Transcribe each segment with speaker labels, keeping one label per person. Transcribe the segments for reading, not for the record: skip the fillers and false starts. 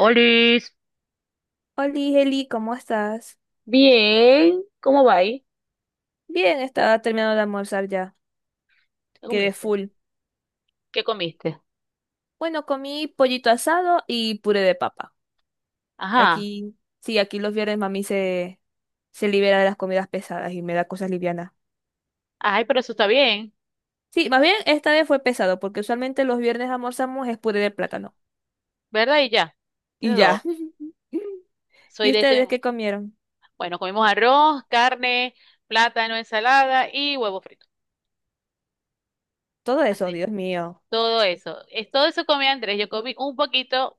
Speaker 1: Olis,
Speaker 2: Oli, Heli, ¿cómo estás?
Speaker 1: bien, ¿cómo va ahí?
Speaker 2: Bien, estaba terminando de almorzar ya.
Speaker 1: ¿Qué
Speaker 2: Quedé
Speaker 1: comiste?
Speaker 2: full.
Speaker 1: ¿Qué comiste?
Speaker 2: Bueno, comí pollito asado y puré de papa.
Speaker 1: Ajá.
Speaker 2: Aquí, sí, aquí los viernes mami se libera de las comidas pesadas y me da cosas livianas.
Speaker 1: Ay, pero eso está bien,
Speaker 2: Sí, más bien esta vez fue pesado, porque usualmente los viernes almorzamos es puré de plátano.
Speaker 1: ¿verdad? Y ya. Eso
Speaker 2: Y
Speaker 1: es todo.
Speaker 2: ya.
Speaker 1: Soy
Speaker 2: ¿Y
Speaker 1: de ese
Speaker 2: ustedes
Speaker 1: mismo.
Speaker 2: qué comieron?
Speaker 1: Bueno, comimos arroz, carne, plátano, ensalada y huevo frito.
Speaker 2: Todo eso,
Speaker 1: Así.
Speaker 2: Dios mío.
Speaker 1: Todo eso. Es, todo eso comía Andrés. Yo comí un poquito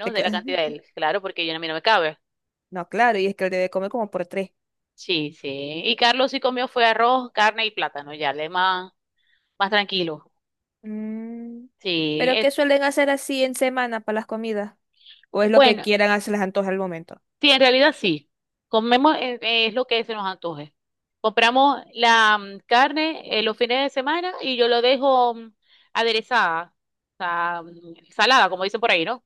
Speaker 2: Te
Speaker 1: de
Speaker 2: ca-
Speaker 1: la cantidad de él, claro, porque yo a mí no me cabe.
Speaker 2: No, claro, y es que debe comer como por tres.
Speaker 1: Sí, sí. Y Carlos sí comió fue arroz, carne y plátano, ya, le más, más tranquilo.
Speaker 2: Mm,
Speaker 1: Sí.
Speaker 2: ¿pero qué suelen hacer así en semana para las comidas? O es lo que
Speaker 1: Bueno,
Speaker 2: quieran hacer las antojas al momento.
Speaker 1: sí, en realidad sí. Comemos es lo que se nos antoje. Compramos la carne los fines de semana y yo lo dejo aderezada, o sea, salada, como dicen por ahí, ¿no?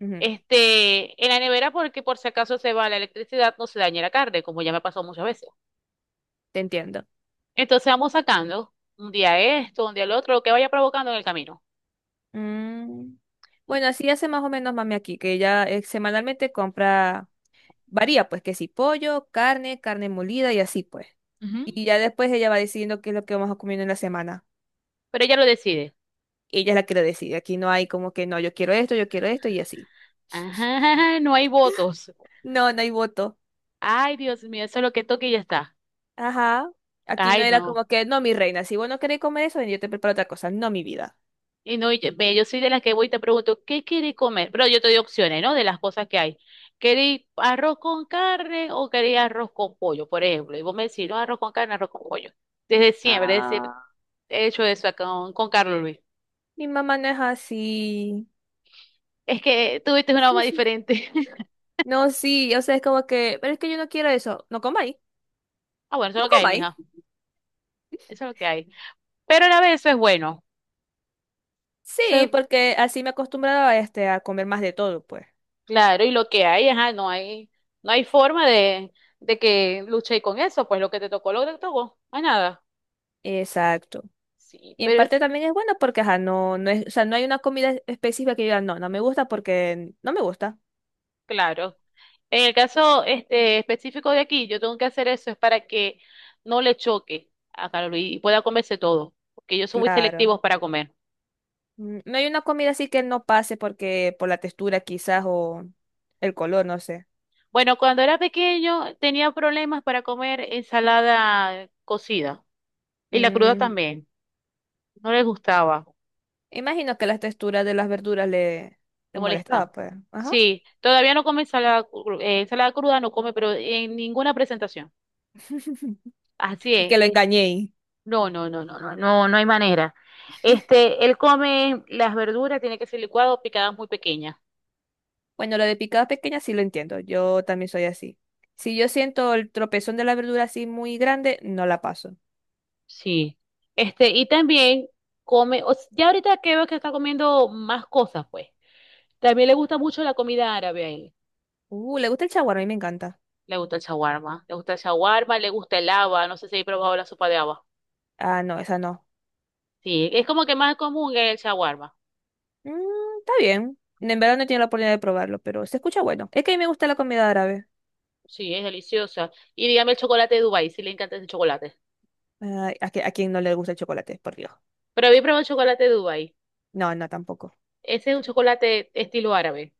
Speaker 2: Ujú,
Speaker 1: Este, en la nevera porque por si acaso se va la electricidad, no se dañe la carne, como ya me pasó muchas veces.
Speaker 2: te entiendo.
Speaker 1: Entonces vamos sacando un día esto, un día lo otro, lo que vaya provocando en el camino.
Speaker 2: Mm, bueno, así hace más o menos mami aquí, que ella semanalmente compra, varía pues, que si pollo, carne, carne molida y así pues.
Speaker 1: Ujú.
Speaker 2: Y ya después ella va decidiendo qué es lo que vamos a comer en la semana.
Speaker 1: Pero ella lo decide.
Speaker 2: Ella es la que lo decide. Aquí no hay como que no, yo quiero esto y así.
Speaker 1: Ajá, no hay votos.
Speaker 2: No, no hay voto.
Speaker 1: Ay, Dios mío, eso es lo que toque y ya está.
Speaker 2: Ajá. Aquí no
Speaker 1: Ay,
Speaker 2: era
Speaker 1: no.
Speaker 2: como que, no, mi reina, si vos no querés comer eso, ven, yo te preparo otra cosa. No, mi vida.
Speaker 1: Y no, y yo, ve, yo soy de las que voy y te pregunto, ¿qué queréis comer? Pero yo te doy opciones, ¿no? De las cosas que hay. ¿Queréis arroz con carne o queréis arroz con pollo, por ejemplo? Y vos me decís, no, arroz con carne, arroz con pollo. Desde siempre
Speaker 2: Ah,
Speaker 1: he hecho eso acá con Carlos Luis.
Speaker 2: mi mamá no es así.
Speaker 1: Es que tuviste una mamá diferente.
Speaker 2: No, sí, o sea, es como que, pero es que yo no quiero eso. No comáis,
Speaker 1: Ah, bueno, eso es
Speaker 2: no
Speaker 1: lo que hay,
Speaker 2: comáis.
Speaker 1: mija. Eso es lo que hay. Pero a la vez eso es bueno. Eso
Speaker 2: Sí,
Speaker 1: es-
Speaker 2: porque así me he acostumbrado a, este, a comer más de todo, pues.
Speaker 1: claro, y lo que hay, ajá, no hay, no hay forma de que luchéis con eso, pues lo que te tocó, lo que te tocó. No hay nada.
Speaker 2: Exacto.
Speaker 1: Sí,
Speaker 2: Y en
Speaker 1: pero es
Speaker 2: parte también es bueno porque, ajá, no, no es, o sea, no hay una comida específica que yo diga, no, no me gusta porque no me gusta.
Speaker 1: claro. En el caso este, específico de aquí, yo tengo que hacer eso, es para que no le choque a Carlos y pueda comerse todo, porque ellos son muy
Speaker 2: Claro.
Speaker 1: selectivos para comer.
Speaker 2: Mm, no hay una comida así que no pase porque, por la textura quizás o el color, no sé.
Speaker 1: Bueno, cuando era pequeño tenía problemas para comer ensalada cocida y la cruda
Speaker 2: Mm,
Speaker 1: también, no les gustaba,
Speaker 2: imagino que las texturas de las verduras le,
Speaker 1: le
Speaker 2: le
Speaker 1: molesta.
Speaker 2: molestaba, pues. Ajá.
Speaker 1: Sí, todavía no come ensalada, ensalada cruda, no come, pero en ninguna presentación. Así
Speaker 2: Y que
Speaker 1: es.
Speaker 2: lo engañé.
Speaker 1: No, no, no, no, no, no, no hay manera. Este, él come las verduras, tiene que ser licuado, picadas muy pequeñas.
Speaker 2: Bueno, lo de picadas pequeñas sí lo entiendo, yo también soy así. Si yo siento el tropezón de la verdura así muy grande, no la paso.
Speaker 1: Sí. Este, y también come, ya ahorita que veo que está comiendo más cosas, pues. También le gusta mucho la comida árabe a él.
Speaker 2: ¿Le gusta el chaguar? A mí me encanta.
Speaker 1: Le gusta el shawarma, le gusta el shawarma, le gusta el haba, no sé si he probado la sopa de haba.
Speaker 2: Ah, no, esa no.
Speaker 1: Sí, es como que más común el shawarma.
Speaker 2: Mm, está bien. En verdad no he tenido la oportunidad de probarlo, pero se escucha bueno. Es que a mí me gusta la comida árabe.
Speaker 1: Sí, es deliciosa. Y dígame el chocolate de Dubái, si le encanta ese chocolate.
Speaker 2: Ay, ¿a, qui- a quién no le gusta el chocolate? Por Dios.
Speaker 1: Pero había probado el chocolate de Dubái.
Speaker 2: No, no, tampoco.
Speaker 1: Ese es un chocolate estilo árabe,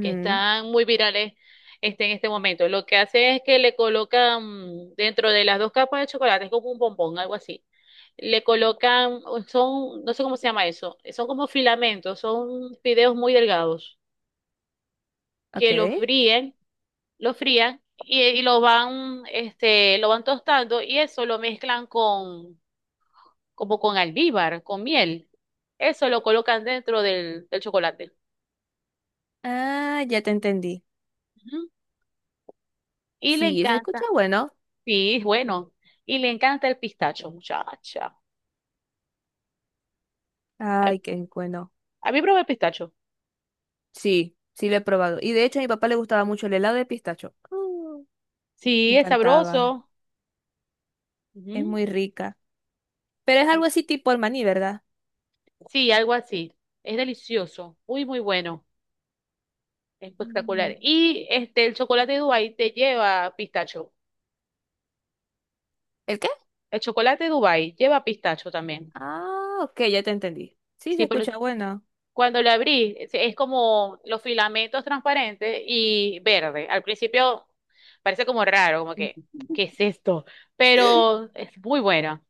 Speaker 1: que están muy virales este, en este momento. Lo que hace es que le colocan dentro de las dos capas de chocolate, es como un bombón, algo así. Le colocan, son, no sé cómo se llama eso, son como filamentos, son fideos muy delgados que
Speaker 2: ok.
Speaker 1: los fríen, los frían y lo van, este, lo van tostando y eso lo mezclan con, como con almíbar, con miel. Eso lo colocan dentro del, del chocolate.
Speaker 2: Ah, ya te entendí.
Speaker 1: Ujú. Y le
Speaker 2: Sí, se escucha
Speaker 1: encanta.
Speaker 2: bueno.
Speaker 1: Sí, es bueno. Y le encanta el pistacho, muchacha. Ay,
Speaker 2: Ay, qué bueno.
Speaker 1: a mí probé el pistacho.
Speaker 2: Sí, sí lo he probado. Y de hecho a mi papá le gustaba mucho el helado de pistacho. Mm, me
Speaker 1: Sí, es
Speaker 2: encantaba.
Speaker 1: sabroso.
Speaker 2: Es
Speaker 1: Ujú.
Speaker 2: muy rica. Pero es algo
Speaker 1: Sí,
Speaker 2: así tipo el maní, ¿verdad?
Speaker 1: sí, algo así. Es delicioso. Muy, muy bueno.
Speaker 2: Mm.
Speaker 1: Espectacular. Y este, el chocolate Dubai te lleva pistacho.
Speaker 2: ¿El qué?
Speaker 1: El chocolate Dubai lleva pistacho también.
Speaker 2: Ah, ok, ya te entendí. Sí, se
Speaker 1: Sí, pero
Speaker 2: escucha bueno.
Speaker 1: cuando lo abrí, es como los filamentos transparentes y verde. Al principio parece como raro, como que, ¿qué es esto? Pero es muy buena.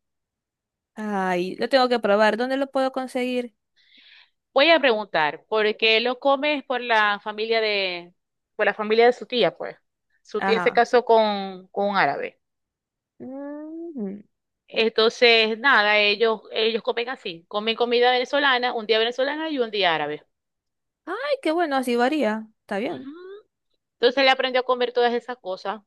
Speaker 2: Ay, lo tengo que probar. ¿Dónde lo puedo conseguir?
Speaker 1: Voy a preguntar, ¿por qué lo comes por la familia de, por la familia de su tía, pues? Su tía se
Speaker 2: Ajá.
Speaker 1: casó con un árabe.
Speaker 2: Mm.
Speaker 1: Entonces, nada, ellos comen así, comen comida venezolana, un día venezolana y un día árabe.
Speaker 2: Ay, qué bueno, así varía. Está
Speaker 1: Ujú.
Speaker 2: bien.
Speaker 1: Entonces le aprendió a comer todas esas cosas.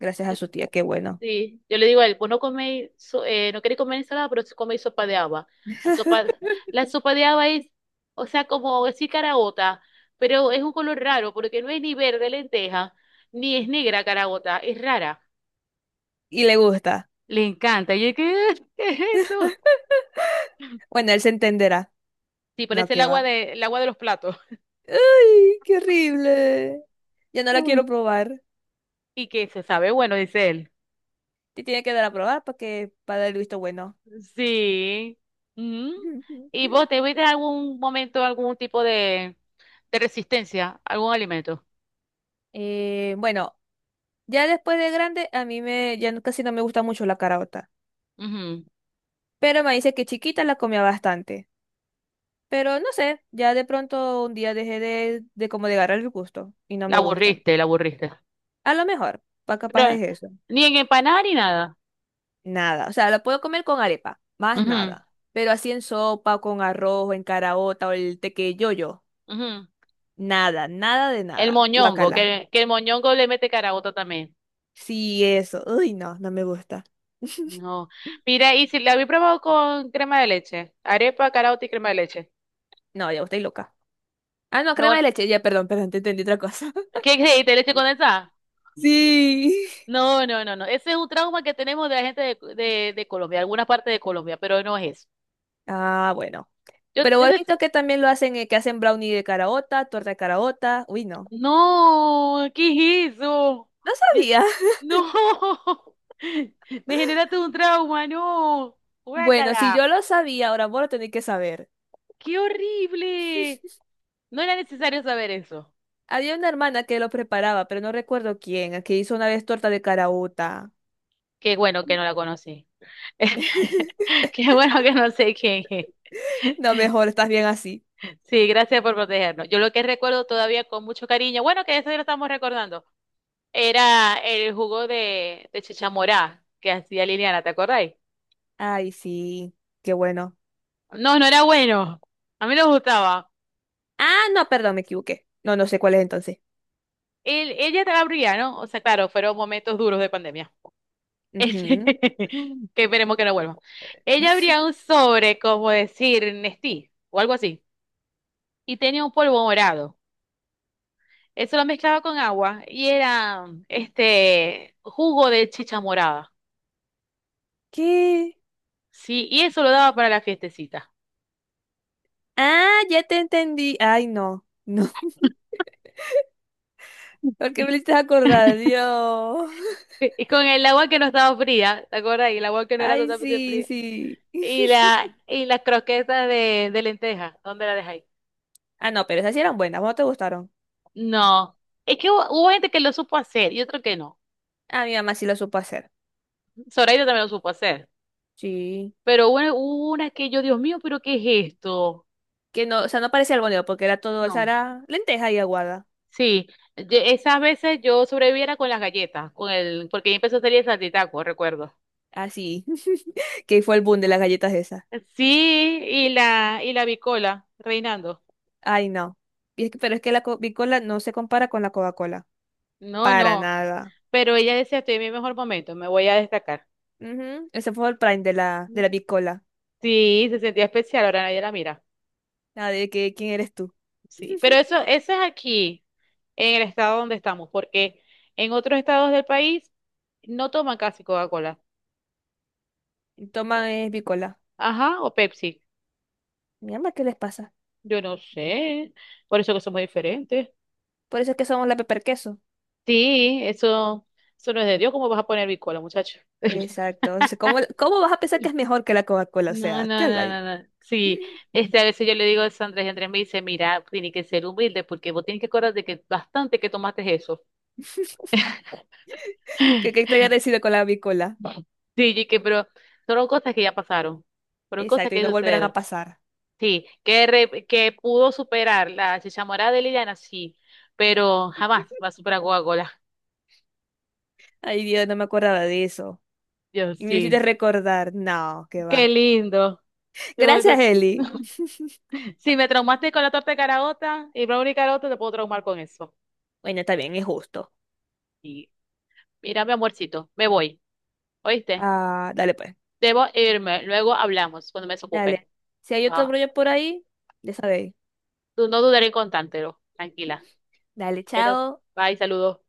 Speaker 2: Gracias a su tía, qué bueno.
Speaker 1: Sí, yo le digo a él, pues no coméis, no queréis comer ensalada, pero sí coméis sopa de haba. La sopa, la sopa de haba es, o sea, como decir caraota, pero es un color raro, porque no es ni verde lenteja, ni es negra caraota, es rara.
Speaker 2: Y le gusta.
Speaker 1: Le encanta. Y yo, ¿qué, qué es eso?
Speaker 2: Bueno, él se entenderá.
Speaker 1: Sí,
Speaker 2: No,
Speaker 1: parece
Speaker 2: que va.
Speaker 1: el agua de los platos.
Speaker 2: ¡Ay, qué horrible! Ya no la
Speaker 1: Mm.
Speaker 2: quiero probar.
Speaker 1: Y que se sabe, bueno, dice él.
Speaker 2: Te tiene que dar a probar para que para dar el visto bueno.
Speaker 1: Sí. Ujú. ¿Y vos te viste algún momento algún tipo de resistencia, algún alimento?
Speaker 2: Bueno, ya después de grande, a mí me, ya no- casi no me gusta mucho la caraota.
Speaker 1: Ujú.
Speaker 2: Pero me dice que chiquita la comía bastante. Pero no sé, ya de pronto un día dejé de como de agarrar el gusto y no
Speaker 1: La
Speaker 2: me gusta.
Speaker 1: aburriste, la aburriste.
Speaker 2: A lo mejor, pa capaz
Speaker 1: Pero
Speaker 2: es eso.
Speaker 1: ni en empanada ni nada.
Speaker 2: Nada, o sea, la puedo comer con arepa, más
Speaker 1: Ujú,
Speaker 2: nada. Pero así en sopa, con arroz, o en caraota o el tequeyoyo,
Speaker 1: ujú.
Speaker 2: nada, nada de
Speaker 1: El
Speaker 2: nada.
Speaker 1: moñongo,
Speaker 2: Guacala.
Speaker 1: que el moñongo le mete caraota también.
Speaker 2: Sí, eso. Uy, no, no me gusta.
Speaker 1: No. Mira, y si la había probado con crema de leche, arepa, caraota y crema de leche.
Speaker 2: No, ya estoy loca. Ah, no,
Speaker 1: No,
Speaker 2: crema de leche, ya, perdón, perdón, te entendí otra cosa.
Speaker 1: ¿qué creíste? ¿Leche condensada?
Speaker 2: Sí.
Speaker 1: No, no, no, no. Ese es un trauma que tenemos de la gente de Colombia, algunas partes de Colombia, pero no es eso.
Speaker 2: Ah, bueno.
Speaker 1: Yo,
Speaker 2: Pero
Speaker 1: yo
Speaker 2: he visto que también lo hacen, que hacen brownie de caraota, torta de caraota. Uy, no.
Speaker 1: No, ¿qué es eso?
Speaker 2: No
Speaker 1: Ya-
Speaker 2: sabía.
Speaker 1: No, me generaste un trauma, no.
Speaker 2: Bueno, si
Speaker 1: Guácala,
Speaker 2: yo lo sabía, ahora vos lo tenés que saber.
Speaker 1: qué horrible. No era necesario saber eso.
Speaker 2: Había una hermana que lo preparaba, pero no recuerdo quién, que hizo una vez torta de caraota.
Speaker 1: Qué bueno que no la conocí. Qué bueno que no sé quién es.
Speaker 2: No, mejor, estás bien así.
Speaker 1: Sí, gracias por protegernos. Yo lo que recuerdo todavía con mucho cariño, bueno, que eso ya lo estamos recordando, era el jugo de chicha morada que hacía Liliana, ¿te acordáis?
Speaker 2: Ay, sí, qué bueno.
Speaker 1: No, no era bueno. A mí no me gustaba.
Speaker 2: Ah, no, perdón, me equivoqué. No, no sé cuál es entonces.
Speaker 1: Ella te abría, ¿no? O sea, claro, fueron momentos duros de pandemia. Este,
Speaker 2: Ujú.
Speaker 1: que esperemos que no vuelva. Ella abría un sobre, como decir, Nestí o algo así, y tenía un polvo morado. Eso lo mezclaba con agua y era este jugo de chicha morada.
Speaker 2: ¿Qué?
Speaker 1: Sí, y eso lo daba para la fiestecita.
Speaker 2: Ah, ya te entendí. Ay, no, no. Porque me hiciste acordar, Dios.
Speaker 1: Y con el agua que no estaba fría, ¿te acuerdas? Y el agua que no era
Speaker 2: Ay,
Speaker 1: totalmente
Speaker 2: sí,
Speaker 1: fría.
Speaker 2: sí.
Speaker 1: Y la y las croquetas de lenteja, ¿dónde la dejáis?
Speaker 2: Ah, no, pero esas sí eran buenas, ¿cómo te gustaron?
Speaker 1: No, es que hubo, hubo gente que lo supo hacer y otro que no.
Speaker 2: A mi mamá sí lo supo hacer.
Speaker 1: Zoraida también lo supo hacer,
Speaker 2: Sí.
Speaker 1: pero bueno, hubo una que yo, Dios mío, pero ¿qué es esto?
Speaker 2: Que no, o sea, no parecía albóndiga porque era todo, o sea,
Speaker 1: No,
Speaker 2: era lenteja y aguada.
Speaker 1: sí, esas veces yo sobreviviera con las galletas, con el, porque ahí empezó a salir el saltitaco, recuerdo.
Speaker 2: Así. Que fue el boom de las galletas esas.
Speaker 1: Sí, y la bicola, reinando.
Speaker 2: Ay, no. Y es que pero es que la Bicola no se compara con la Coca-Cola.
Speaker 1: No,
Speaker 2: Para
Speaker 1: no,
Speaker 2: nada.
Speaker 1: pero ella decía, estoy en mi mejor momento, me voy a destacar.
Speaker 2: Ujú, ese fue el prime de la Bicola.
Speaker 1: Sí, se sentía especial, ahora nadie la mira.
Speaker 2: La de que, ¿quién eres tú?
Speaker 1: Sí, pero eso es aquí, en el estado donde estamos, porque en otros estados del país no toman casi Coca-Cola.
Speaker 2: Y
Speaker 1: Sí.
Speaker 2: Toma es Bicola.
Speaker 1: Ajá, o Pepsi.
Speaker 2: Mi mamá, ¿qué les pasa?
Speaker 1: Yo no sé, por eso que somos diferentes.
Speaker 2: Por eso es que somos la Pepper Queso.
Speaker 1: Sí, eso no es de Dios. ¿Cómo vas a poner bicola, muchacho?
Speaker 2: Exacto. O sea, ¿cómo, cómo vas a pensar que es mejor que la Coca-Cola? O
Speaker 1: No,
Speaker 2: sea, ¿qué
Speaker 1: no,
Speaker 2: habla?
Speaker 1: no,
Speaker 2: Que,
Speaker 1: no, no. Sí, este, a veces yo le digo a Sandra y Andrés me dice, mira, tiene que ser humilde porque vos tienes que acordar de que bastante que tomaste eso.
Speaker 2: que estoy agradecido con la bicola.
Speaker 1: Sí, y que, pero fueron cosas que ya pasaron, fueron cosas
Speaker 2: Exacto, y
Speaker 1: que
Speaker 2: no volverán a
Speaker 1: sucedieron.
Speaker 2: pasar.
Speaker 1: Sí, que, que pudo superar la chichamorada de Liliana, sí, pero jamás va a superar Coca-Cola.
Speaker 2: Ay, Dios, no me acordaba de eso.
Speaker 1: Dios,
Speaker 2: Y me lo hiciste
Speaker 1: sí.
Speaker 2: recordar. No, qué
Speaker 1: Qué
Speaker 2: va.
Speaker 1: lindo. De
Speaker 2: Gracias,
Speaker 1: momento-
Speaker 2: Eli.
Speaker 1: Si me traumaste con la torta de caraota y brownie caraota, te puedo traumar con eso.
Speaker 2: Bueno, está bien, es justo.
Speaker 1: Y mira, mi amorcito, me voy. ¿Oíste?
Speaker 2: Ah, dale pues.
Speaker 1: Debo irme. Luego hablamos cuando me desocupe.
Speaker 2: Dale. Si hay otro
Speaker 1: Va.
Speaker 2: brollo por ahí, ya sabéis.
Speaker 1: Tú no dudaré en contártelo. Tranquila.
Speaker 2: Dale,
Speaker 1: Pero,
Speaker 2: chao.
Speaker 1: bye, saludos.